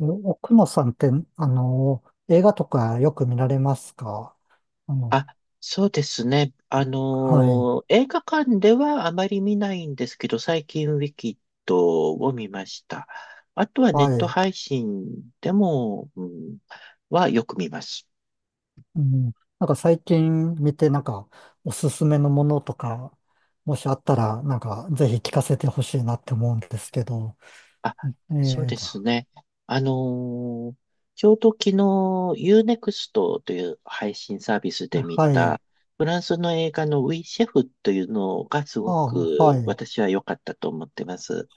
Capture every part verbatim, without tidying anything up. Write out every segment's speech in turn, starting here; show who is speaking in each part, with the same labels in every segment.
Speaker 1: え奥野さんって、あの、映画とかよく見られますか？あの、
Speaker 2: あ、そうですね。あ
Speaker 1: はい、
Speaker 2: のー映画館ではあまり見ないんですけど、最近ウィキッドを見ました。あとはネッ
Speaker 1: は
Speaker 2: ト
Speaker 1: い。
Speaker 2: 配信でも、うん、はよく見ます。
Speaker 1: うん、なんか最近見て、なんか、おすすめのものとか、もしあったら、なんか、ぜひ聞かせてほしいなって思うんですけど。
Speaker 2: あ、
Speaker 1: え
Speaker 2: そう
Speaker 1: ー
Speaker 2: で
Speaker 1: と、
Speaker 2: すね。あのーちょうど昨日 Unext という配信サービスで見
Speaker 1: はい。
Speaker 2: たフランスの映画のウィシェフというのがす
Speaker 1: あ
Speaker 2: ご
Speaker 1: あ、は
Speaker 2: く
Speaker 1: い。
Speaker 2: 私は良かったと思ってます。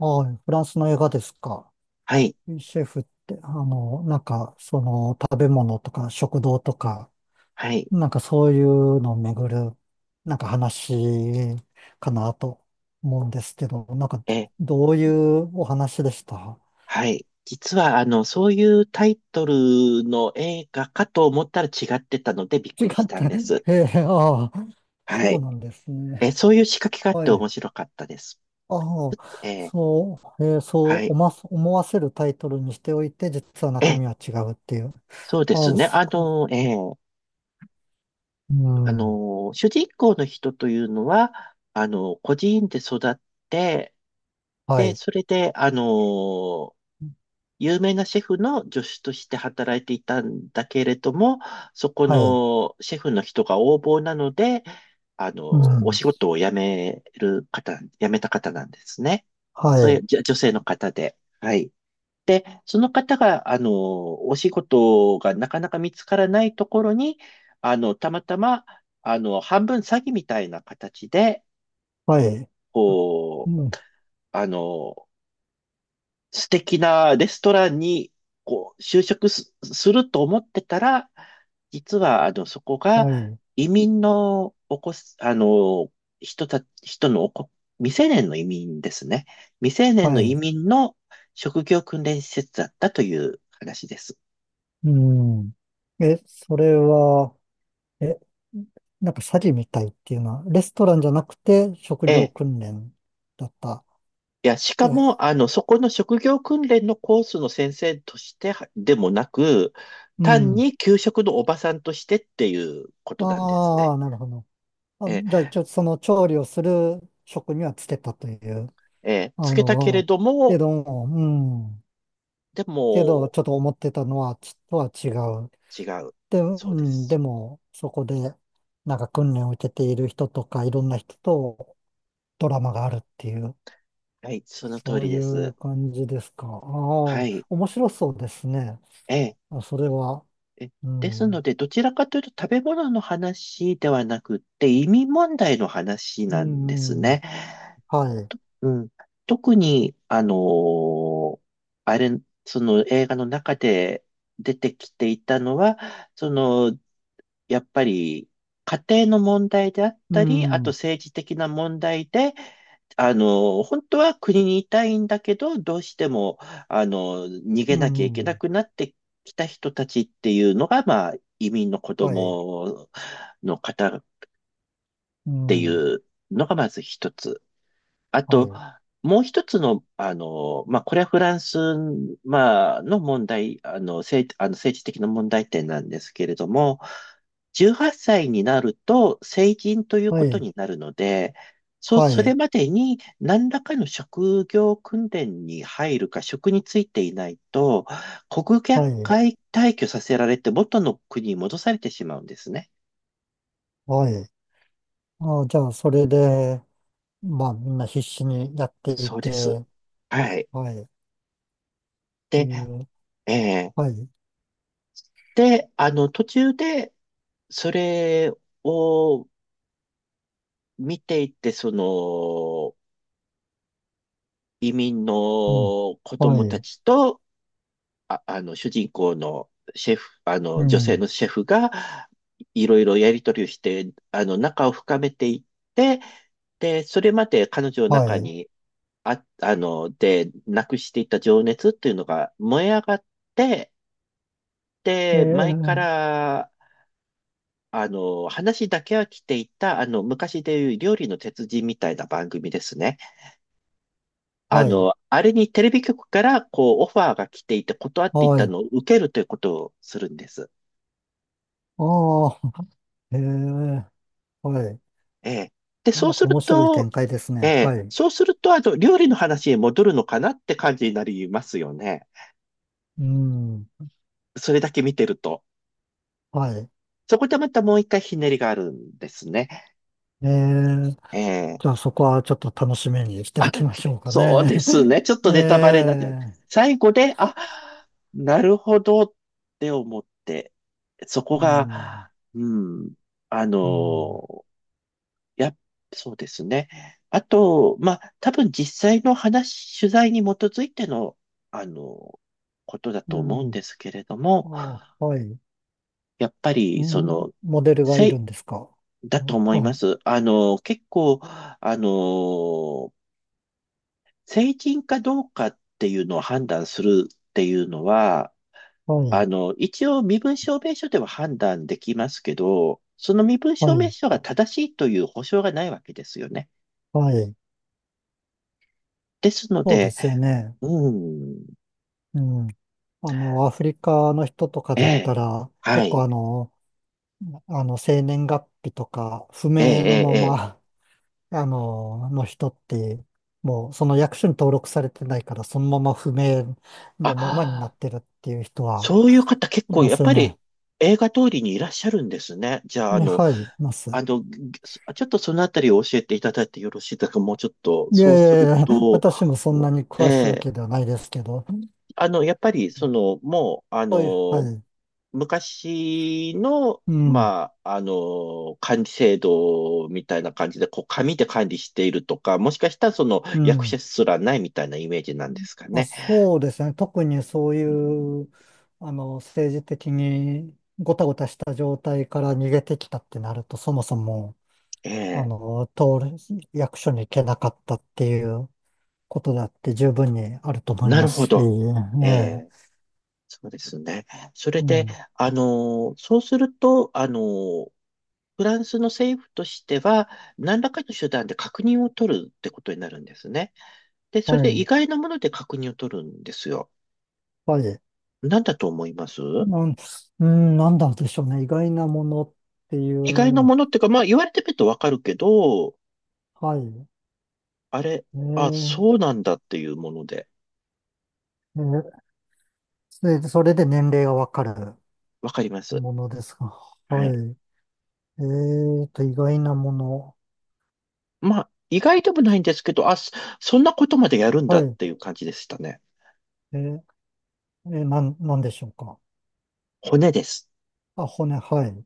Speaker 1: あ、フランスの映画ですか。
Speaker 2: はい、
Speaker 1: シェフって、あの、なんか、その、食べ物とか、食堂とか、
Speaker 2: はい。
Speaker 1: なんかそういうのをめぐる、なんか話かなと思うんですけど、なんか
Speaker 2: えー
Speaker 1: どういうお話でした？
Speaker 2: はい。実は、あの、そういうタイトルの映画かと思ったら違ってたのでびっ
Speaker 1: 違
Speaker 2: くりし
Speaker 1: っ
Speaker 2: た
Speaker 1: た。
Speaker 2: ん です。
Speaker 1: ええ、ああ、
Speaker 2: は
Speaker 1: そう
Speaker 2: い。
Speaker 1: なんです
Speaker 2: え、
Speaker 1: ね。
Speaker 2: そういう仕掛けがあっ
Speaker 1: は
Speaker 2: て面
Speaker 1: い。
Speaker 2: 白かったです。
Speaker 1: あ
Speaker 2: え
Speaker 1: あ、
Speaker 2: ー
Speaker 1: そう、ええ、そ
Speaker 2: は
Speaker 1: う
Speaker 2: い。
Speaker 1: 思わ思わせるタイトルにしておいて、実は中
Speaker 2: え、
Speaker 1: 身は違うっていう。
Speaker 2: そうで
Speaker 1: あ
Speaker 2: す
Speaker 1: あ、
Speaker 2: ね。
Speaker 1: そ
Speaker 2: あ
Speaker 1: う。
Speaker 2: の、えー
Speaker 1: う
Speaker 2: あ
Speaker 1: ん。
Speaker 2: の、主人公の人というのは、あの、孤児院で育って、
Speaker 1: は
Speaker 2: で、
Speaker 1: い。
Speaker 2: それで、あの、有名なシェフの助手として働いていたんだけれども、そこ
Speaker 1: はい。
Speaker 2: のシェフの人が横暴なので、あの、
Speaker 1: う
Speaker 2: お
Speaker 1: ん。
Speaker 2: 仕事を辞める方、辞めた方なんですね。
Speaker 1: は
Speaker 2: そうい
Speaker 1: い。
Speaker 2: うじょ女性の方で。はい。その方が、あの、お仕事がなかなか見つからないところに、あの、たまたま、あの、半分詐欺みたいな形で、
Speaker 1: はい。う
Speaker 2: こ
Speaker 1: ん。
Speaker 2: う、あの、素敵なレストランに、こう、就職す、すると思ってたら、実は、あの、そこが
Speaker 1: はい。
Speaker 2: 移民のおこす、あの、人た、人のおこ、未成年の移民ですね。未成年
Speaker 1: は
Speaker 2: の移
Speaker 1: い。
Speaker 2: 民の職業訓練施設だったという話です。
Speaker 1: うん。え、それは、え、なんか詐欺みたいっていうのは、レストランじゃなくて職
Speaker 2: え
Speaker 1: 業
Speaker 2: え。
Speaker 1: 訓練だった？
Speaker 2: いや、しか
Speaker 1: え、
Speaker 2: も、あの、そこの職業訓練のコースの先生としてはでもなく、
Speaker 1: う
Speaker 2: 単
Speaker 1: ん。
Speaker 2: に給食のおばさんとしてっていうことなんですね。
Speaker 1: ああ、なるほど。あ、じゃあ一応その調理をする職にはつけたという。
Speaker 2: ええ、
Speaker 1: あ
Speaker 2: つけたけれ
Speaker 1: の、
Speaker 2: ど
Speaker 1: け
Speaker 2: も、
Speaker 1: ど、うん。
Speaker 2: で
Speaker 1: けど、
Speaker 2: も、
Speaker 1: ちょっと思ってたのは、ちょっとは違う。
Speaker 2: 違う。
Speaker 1: で、う
Speaker 2: そうで
Speaker 1: ん、で
Speaker 2: す。
Speaker 1: も、そこで、なんか訓練を受けている人とか、いろんな人とドラマがあるっていう、
Speaker 2: はい、その通
Speaker 1: そう
Speaker 2: り
Speaker 1: い
Speaker 2: で
Speaker 1: う
Speaker 2: す。
Speaker 1: 感じですか。あ
Speaker 2: は
Speaker 1: あ、
Speaker 2: い、
Speaker 1: 面白そうですね。
Speaker 2: ええ、
Speaker 1: あ、それは、
Speaker 2: え、
Speaker 1: う
Speaker 2: ですの
Speaker 1: ん、
Speaker 2: で、どちらかというと食べ物の話ではなくって、移民問題の話
Speaker 1: う
Speaker 2: なんです
Speaker 1: ん、う
Speaker 2: ね。
Speaker 1: ん、はい、
Speaker 2: うん。特に、あのーあれ、その映画の中で出てきていたのは、その、やっぱり、家庭の問題であっ
Speaker 1: う
Speaker 2: たり、あと
Speaker 1: ん、
Speaker 2: 政治的な問題で、あの、本当は国にいたいんだけど、どうしても、あの、逃げ
Speaker 1: う
Speaker 2: なきゃいけな
Speaker 1: ん、
Speaker 2: くなってきた人たちっていうのが、まあ、移民の子
Speaker 1: はい、
Speaker 2: 供の方っ
Speaker 1: う
Speaker 2: てい
Speaker 1: ん、
Speaker 2: うのがまず一つ。あ
Speaker 1: は
Speaker 2: と、
Speaker 1: い、
Speaker 2: もう一つの、あの、まあ、これはフランス、まあ、の問題、あの、政、あの政治的な問題点なんですけれども、じゅうはっさいになると成人という
Speaker 1: は
Speaker 2: こと
Speaker 1: い、
Speaker 2: になるので、そ、
Speaker 1: は
Speaker 2: それ
Speaker 1: い、
Speaker 2: までに何らかの職業訓練に入るか、職に就いていないと、国外
Speaker 1: はい、
Speaker 2: 退去させられて元の国に戻されてしまうんですね。
Speaker 1: はい。あ、じゃあ、それで、まあ、みんな必死にやってい
Speaker 2: そうです。
Speaker 1: て、
Speaker 2: はい。
Speaker 1: はい、って
Speaker 2: で、
Speaker 1: いう、
Speaker 2: えー
Speaker 1: はい、
Speaker 2: で、あの、途中で、それを見ていて、その、移民
Speaker 1: うん、
Speaker 2: の子
Speaker 1: は
Speaker 2: 供た
Speaker 1: い、
Speaker 2: ちと、あ、あの、主人公のシェフ、あ
Speaker 1: う
Speaker 2: の、女性
Speaker 1: ん、
Speaker 2: のシェフが、いろいろやりとりをして、あの、仲を深めていって、で、それまで彼女の
Speaker 1: は
Speaker 2: 中
Speaker 1: い、
Speaker 2: にあ、あの、で、なくしていた情熱っていうのが燃え上がって、
Speaker 1: え
Speaker 2: で、前か
Speaker 1: ー、
Speaker 2: らあの、話だけは来ていた、あの、昔でいう料理の鉄人みたいな番組ですね。あ
Speaker 1: はい、
Speaker 2: の、あれにテレビ局から、こう、オファーが来ていて、断っていっ
Speaker 1: は
Speaker 2: た
Speaker 1: い、
Speaker 2: のを受けるということをするんです。
Speaker 1: ああ、えー、はい。
Speaker 2: ええ。で、そ
Speaker 1: な
Speaker 2: う
Speaker 1: んか
Speaker 2: する
Speaker 1: 面白い
Speaker 2: と、
Speaker 1: 展開ですね。
Speaker 2: ええ、
Speaker 1: はい、
Speaker 2: そうすると、あの、料理の話へ戻るのかなって感じになりますよね。
Speaker 1: うん、
Speaker 2: それだけ見てると。
Speaker 1: はい、
Speaker 2: そこでまたもう一回ひねりがあるんですね。
Speaker 1: えー、
Speaker 2: ええ。
Speaker 1: じゃあそこはちょっと楽しみにしておきましょうか
Speaker 2: そう
Speaker 1: ね。
Speaker 2: です ね。ちょっとネタバレ
Speaker 1: え
Speaker 2: になっちゃう。
Speaker 1: え、
Speaker 2: 最後で、あ、なるほどって思って、そこ
Speaker 1: うん、
Speaker 2: が、うん、あ
Speaker 1: うん、
Speaker 2: の、やっ、そうですね。あと、まあ、多分実際の話、取材に基づいての、あの、ことだ
Speaker 1: う
Speaker 2: と思うん
Speaker 1: ん。
Speaker 2: ですけれども、
Speaker 1: あ、はい。
Speaker 2: やっぱ
Speaker 1: う
Speaker 2: り、そ
Speaker 1: ん、
Speaker 2: の、
Speaker 1: モデルがい
Speaker 2: せ
Speaker 1: る
Speaker 2: い、
Speaker 1: んですか？
Speaker 2: だと
Speaker 1: あ、
Speaker 2: 思いま
Speaker 1: あ
Speaker 2: す。あの、結構、あの、成人かどうかっていうのを判断するっていうのは、
Speaker 1: は
Speaker 2: あ
Speaker 1: い、
Speaker 2: の、一応身分証明書では判断できますけど、その身分
Speaker 1: は
Speaker 2: 証明
Speaker 1: い、
Speaker 2: 書が正しいという保証がないわけですよね。
Speaker 1: はい。
Speaker 2: ですの
Speaker 1: そうで
Speaker 2: で、
Speaker 1: すよね。
Speaker 2: うん、
Speaker 1: うん。あの、アフリカの人とか
Speaker 2: え
Speaker 1: だった
Speaker 2: え、
Speaker 1: ら、
Speaker 2: は
Speaker 1: 結構
Speaker 2: い、
Speaker 1: あの、あの、生年月日とか、不
Speaker 2: ええ、
Speaker 1: 明の
Speaker 2: え
Speaker 1: ま
Speaker 2: え、ええ
Speaker 1: まあの、の人って、もうその役所に登録されてないから、そのまま不明のままにな
Speaker 2: あ、
Speaker 1: ってるっていう人は
Speaker 2: そういう方結
Speaker 1: い
Speaker 2: 構
Speaker 1: ま
Speaker 2: やっ
Speaker 1: すよ
Speaker 2: ぱ
Speaker 1: ね。
Speaker 2: り映画通りにいらっしゃるんですね。じゃあ、あ
Speaker 1: ね
Speaker 2: の、
Speaker 1: はい、います。
Speaker 2: あの、ぎちょっとそのあたりを教えていただいてよろしいですかもうちょっと、
Speaker 1: い
Speaker 2: そ
Speaker 1: や
Speaker 2: う
Speaker 1: い
Speaker 2: する
Speaker 1: やいや、
Speaker 2: と、
Speaker 1: 私もそんなに詳しいわ
Speaker 2: ええ
Speaker 1: けではないですけど、
Speaker 2: あの、やっぱり、その、もう、あ
Speaker 1: はいう、は
Speaker 2: の、
Speaker 1: い、
Speaker 2: 昔の、
Speaker 1: うん、
Speaker 2: まあ、あの、管理制度みたいな感じで、こう、紙で管理しているとか、もしかしたら、その、
Speaker 1: う
Speaker 2: 役
Speaker 1: ん。
Speaker 2: 者すらないみたいなイメージなんですか
Speaker 1: あ、
Speaker 2: ね。
Speaker 1: そうですね。特にそうい
Speaker 2: うん
Speaker 1: う、あの、政治的にごたごたした状態から逃げてきたってなると、そもそも、
Speaker 2: え
Speaker 1: あ
Speaker 2: え、
Speaker 1: の、通る役所に行けなかったっていう、ことだって十分にあると思い
Speaker 2: なる
Speaker 1: ます
Speaker 2: ほ
Speaker 1: し、え
Speaker 2: ど。え
Speaker 1: え、
Speaker 2: え、そうですね。それで、
Speaker 1: え
Speaker 2: あの、そうすると、あの、フランスの政府としては、何らかの手段で確認を取るってことになるんですね。で、そ
Speaker 1: は
Speaker 2: れで意
Speaker 1: い、
Speaker 2: 外なもので確認を取るんですよ。
Speaker 1: はい。
Speaker 2: なんだと思います
Speaker 1: なん、うん、なんだでしょうね。意外なものってい
Speaker 2: 意外な
Speaker 1: う、
Speaker 2: ものっていうか、まあ言われてみるとわかるけど、
Speaker 1: はい。
Speaker 2: あれ、
Speaker 1: え
Speaker 2: あ、
Speaker 1: え、
Speaker 2: そうなんだっていうもので、
Speaker 1: ええ、それでそれで年齢がわかる
Speaker 2: わかります。
Speaker 1: ものですが、は
Speaker 2: はい。
Speaker 1: い。ええと、意外なもの。
Speaker 2: まあ、意外でもないんですけど、あ、そそんなことまでやるんだ
Speaker 1: は
Speaker 2: っ
Speaker 1: い。
Speaker 2: ていう感じでしたね。
Speaker 1: ええ、ええなん、なんでしょうか。
Speaker 2: 骨です。
Speaker 1: あ、骨、はい。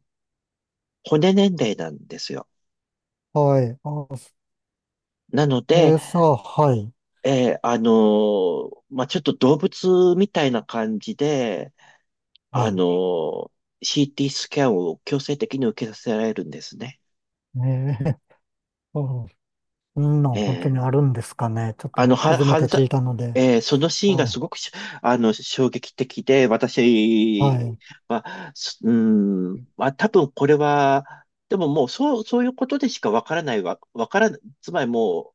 Speaker 2: 骨年齢なんですよ。
Speaker 1: はい。あ、
Speaker 2: なの
Speaker 1: え
Speaker 2: で、
Speaker 1: え、さあ、はい。
Speaker 2: えーあのーまあちょっと動物みたいな感じで、
Speaker 1: は
Speaker 2: あ
Speaker 1: い。
Speaker 2: のー シーティー スキャンを強制的に受けさせられるんですね。
Speaker 1: ええ、うん、そんな
Speaker 2: え
Speaker 1: ん本当にあ
Speaker 2: ー
Speaker 1: るんですかね。ちょっ
Speaker 2: あ
Speaker 1: と
Speaker 2: の、は、
Speaker 1: 初めて
Speaker 2: 犯罪、
Speaker 1: 聞いたので。
Speaker 2: えーそのシーンが
Speaker 1: は
Speaker 2: す
Speaker 1: い。
Speaker 2: ごくし、あの、衝撃的で、
Speaker 1: は
Speaker 2: 私
Speaker 1: い。
Speaker 2: は、すうん、まあ、多分これは、でももう、そう、そういうことでしかわからないわ、わからない、つまりもう、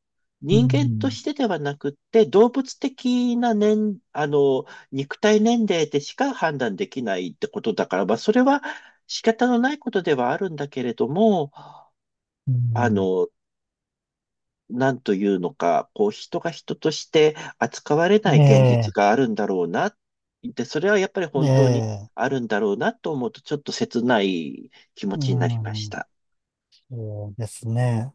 Speaker 1: う
Speaker 2: 人間と
Speaker 1: ん。
Speaker 2: してではなくって、動物的な年、あの、肉体年齢でしか判断できないってことだから、まあ、それは仕方のないことではあるんだけれども、
Speaker 1: う
Speaker 2: あ
Speaker 1: ん。
Speaker 2: の、なんというのか、こう、人が人として扱われない
Speaker 1: え
Speaker 2: 現実
Speaker 1: え、
Speaker 2: があるんだろうな。で、それはやっぱり
Speaker 1: え
Speaker 2: 本当に
Speaker 1: え、
Speaker 2: あるんだろうなと思うと、ちょっと切ない気持
Speaker 1: う
Speaker 2: ちになりまし
Speaker 1: ん。
Speaker 2: た。
Speaker 1: そうですね。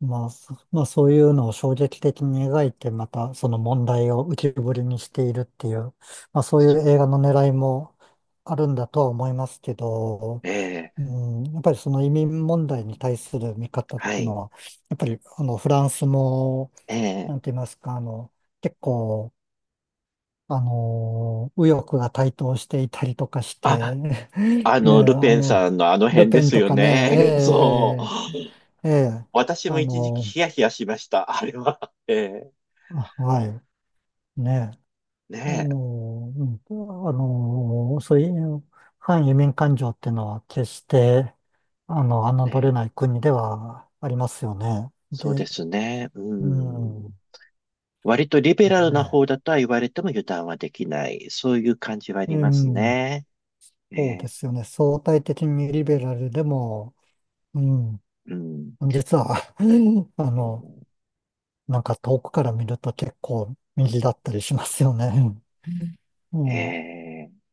Speaker 1: まあ、そまあ、そういうのを衝撃的に描いて、またその問題を浮き彫りにしているっていう、まあ、そういう映画の狙いもあるんだとは思いますけど、
Speaker 2: ええ、
Speaker 1: うん、やっぱりその移民問題に対する見方っ
Speaker 2: は
Speaker 1: ていうの
Speaker 2: い。
Speaker 1: は、やっぱりあのフランスも
Speaker 2: ええ。
Speaker 1: なんて言いますか、あの、結構、あの、右翼が台頭していたりとかして、
Speaker 2: あ、
Speaker 1: ね、
Speaker 2: あの、ル
Speaker 1: あ
Speaker 2: ペン
Speaker 1: の、
Speaker 2: さんのあの
Speaker 1: ル
Speaker 2: 辺で
Speaker 1: ペン
Speaker 2: す
Speaker 1: と
Speaker 2: よ
Speaker 1: かね、
Speaker 2: ね。そう。
Speaker 1: ええええ
Speaker 2: 私も
Speaker 1: あ
Speaker 2: 一時期
Speaker 1: の、
Speaker 2: ヒヤヒヤしました。あれは。ええ。
Speaker 1: あはい、ね、あ
Speaker 2: ね
Speaker 1: の、うん、あの、そういう反移民感情っていうのは決して、あ
Speaker 2: え。
Speaker 1: の、
Speaker 2: ね
Speaker 1: 侮れ
Speaker 2: え。
Speaker 1: ない国ではありますよね。
Speaker 2: そうで
Speaker 1: で、
Speaker 2: すね。う
Speaker 1: う
Speaker 2: ん。
Speaker 1: ん、
Speaker 2: 割とリベラルな
Speaker 1: ね、
Speaker 2: 方だとは言われても油断はできない。そういう感じはあ
Speaker 1: う
Speaker 2: ります
Speaker 1: ん。
Speaker 2: ね。え
Speaker 1: そうで
Speaker 2: ー
Speaker 1: すよね。相対的にリベラルでも、うん、
Speaker 2: うん。
Speaker 1: 実は あの、なんか遠くから見ると結構右だったりしますよね。う
Speaker 2: え
Speaker 1: ん。
Speaker 2: ー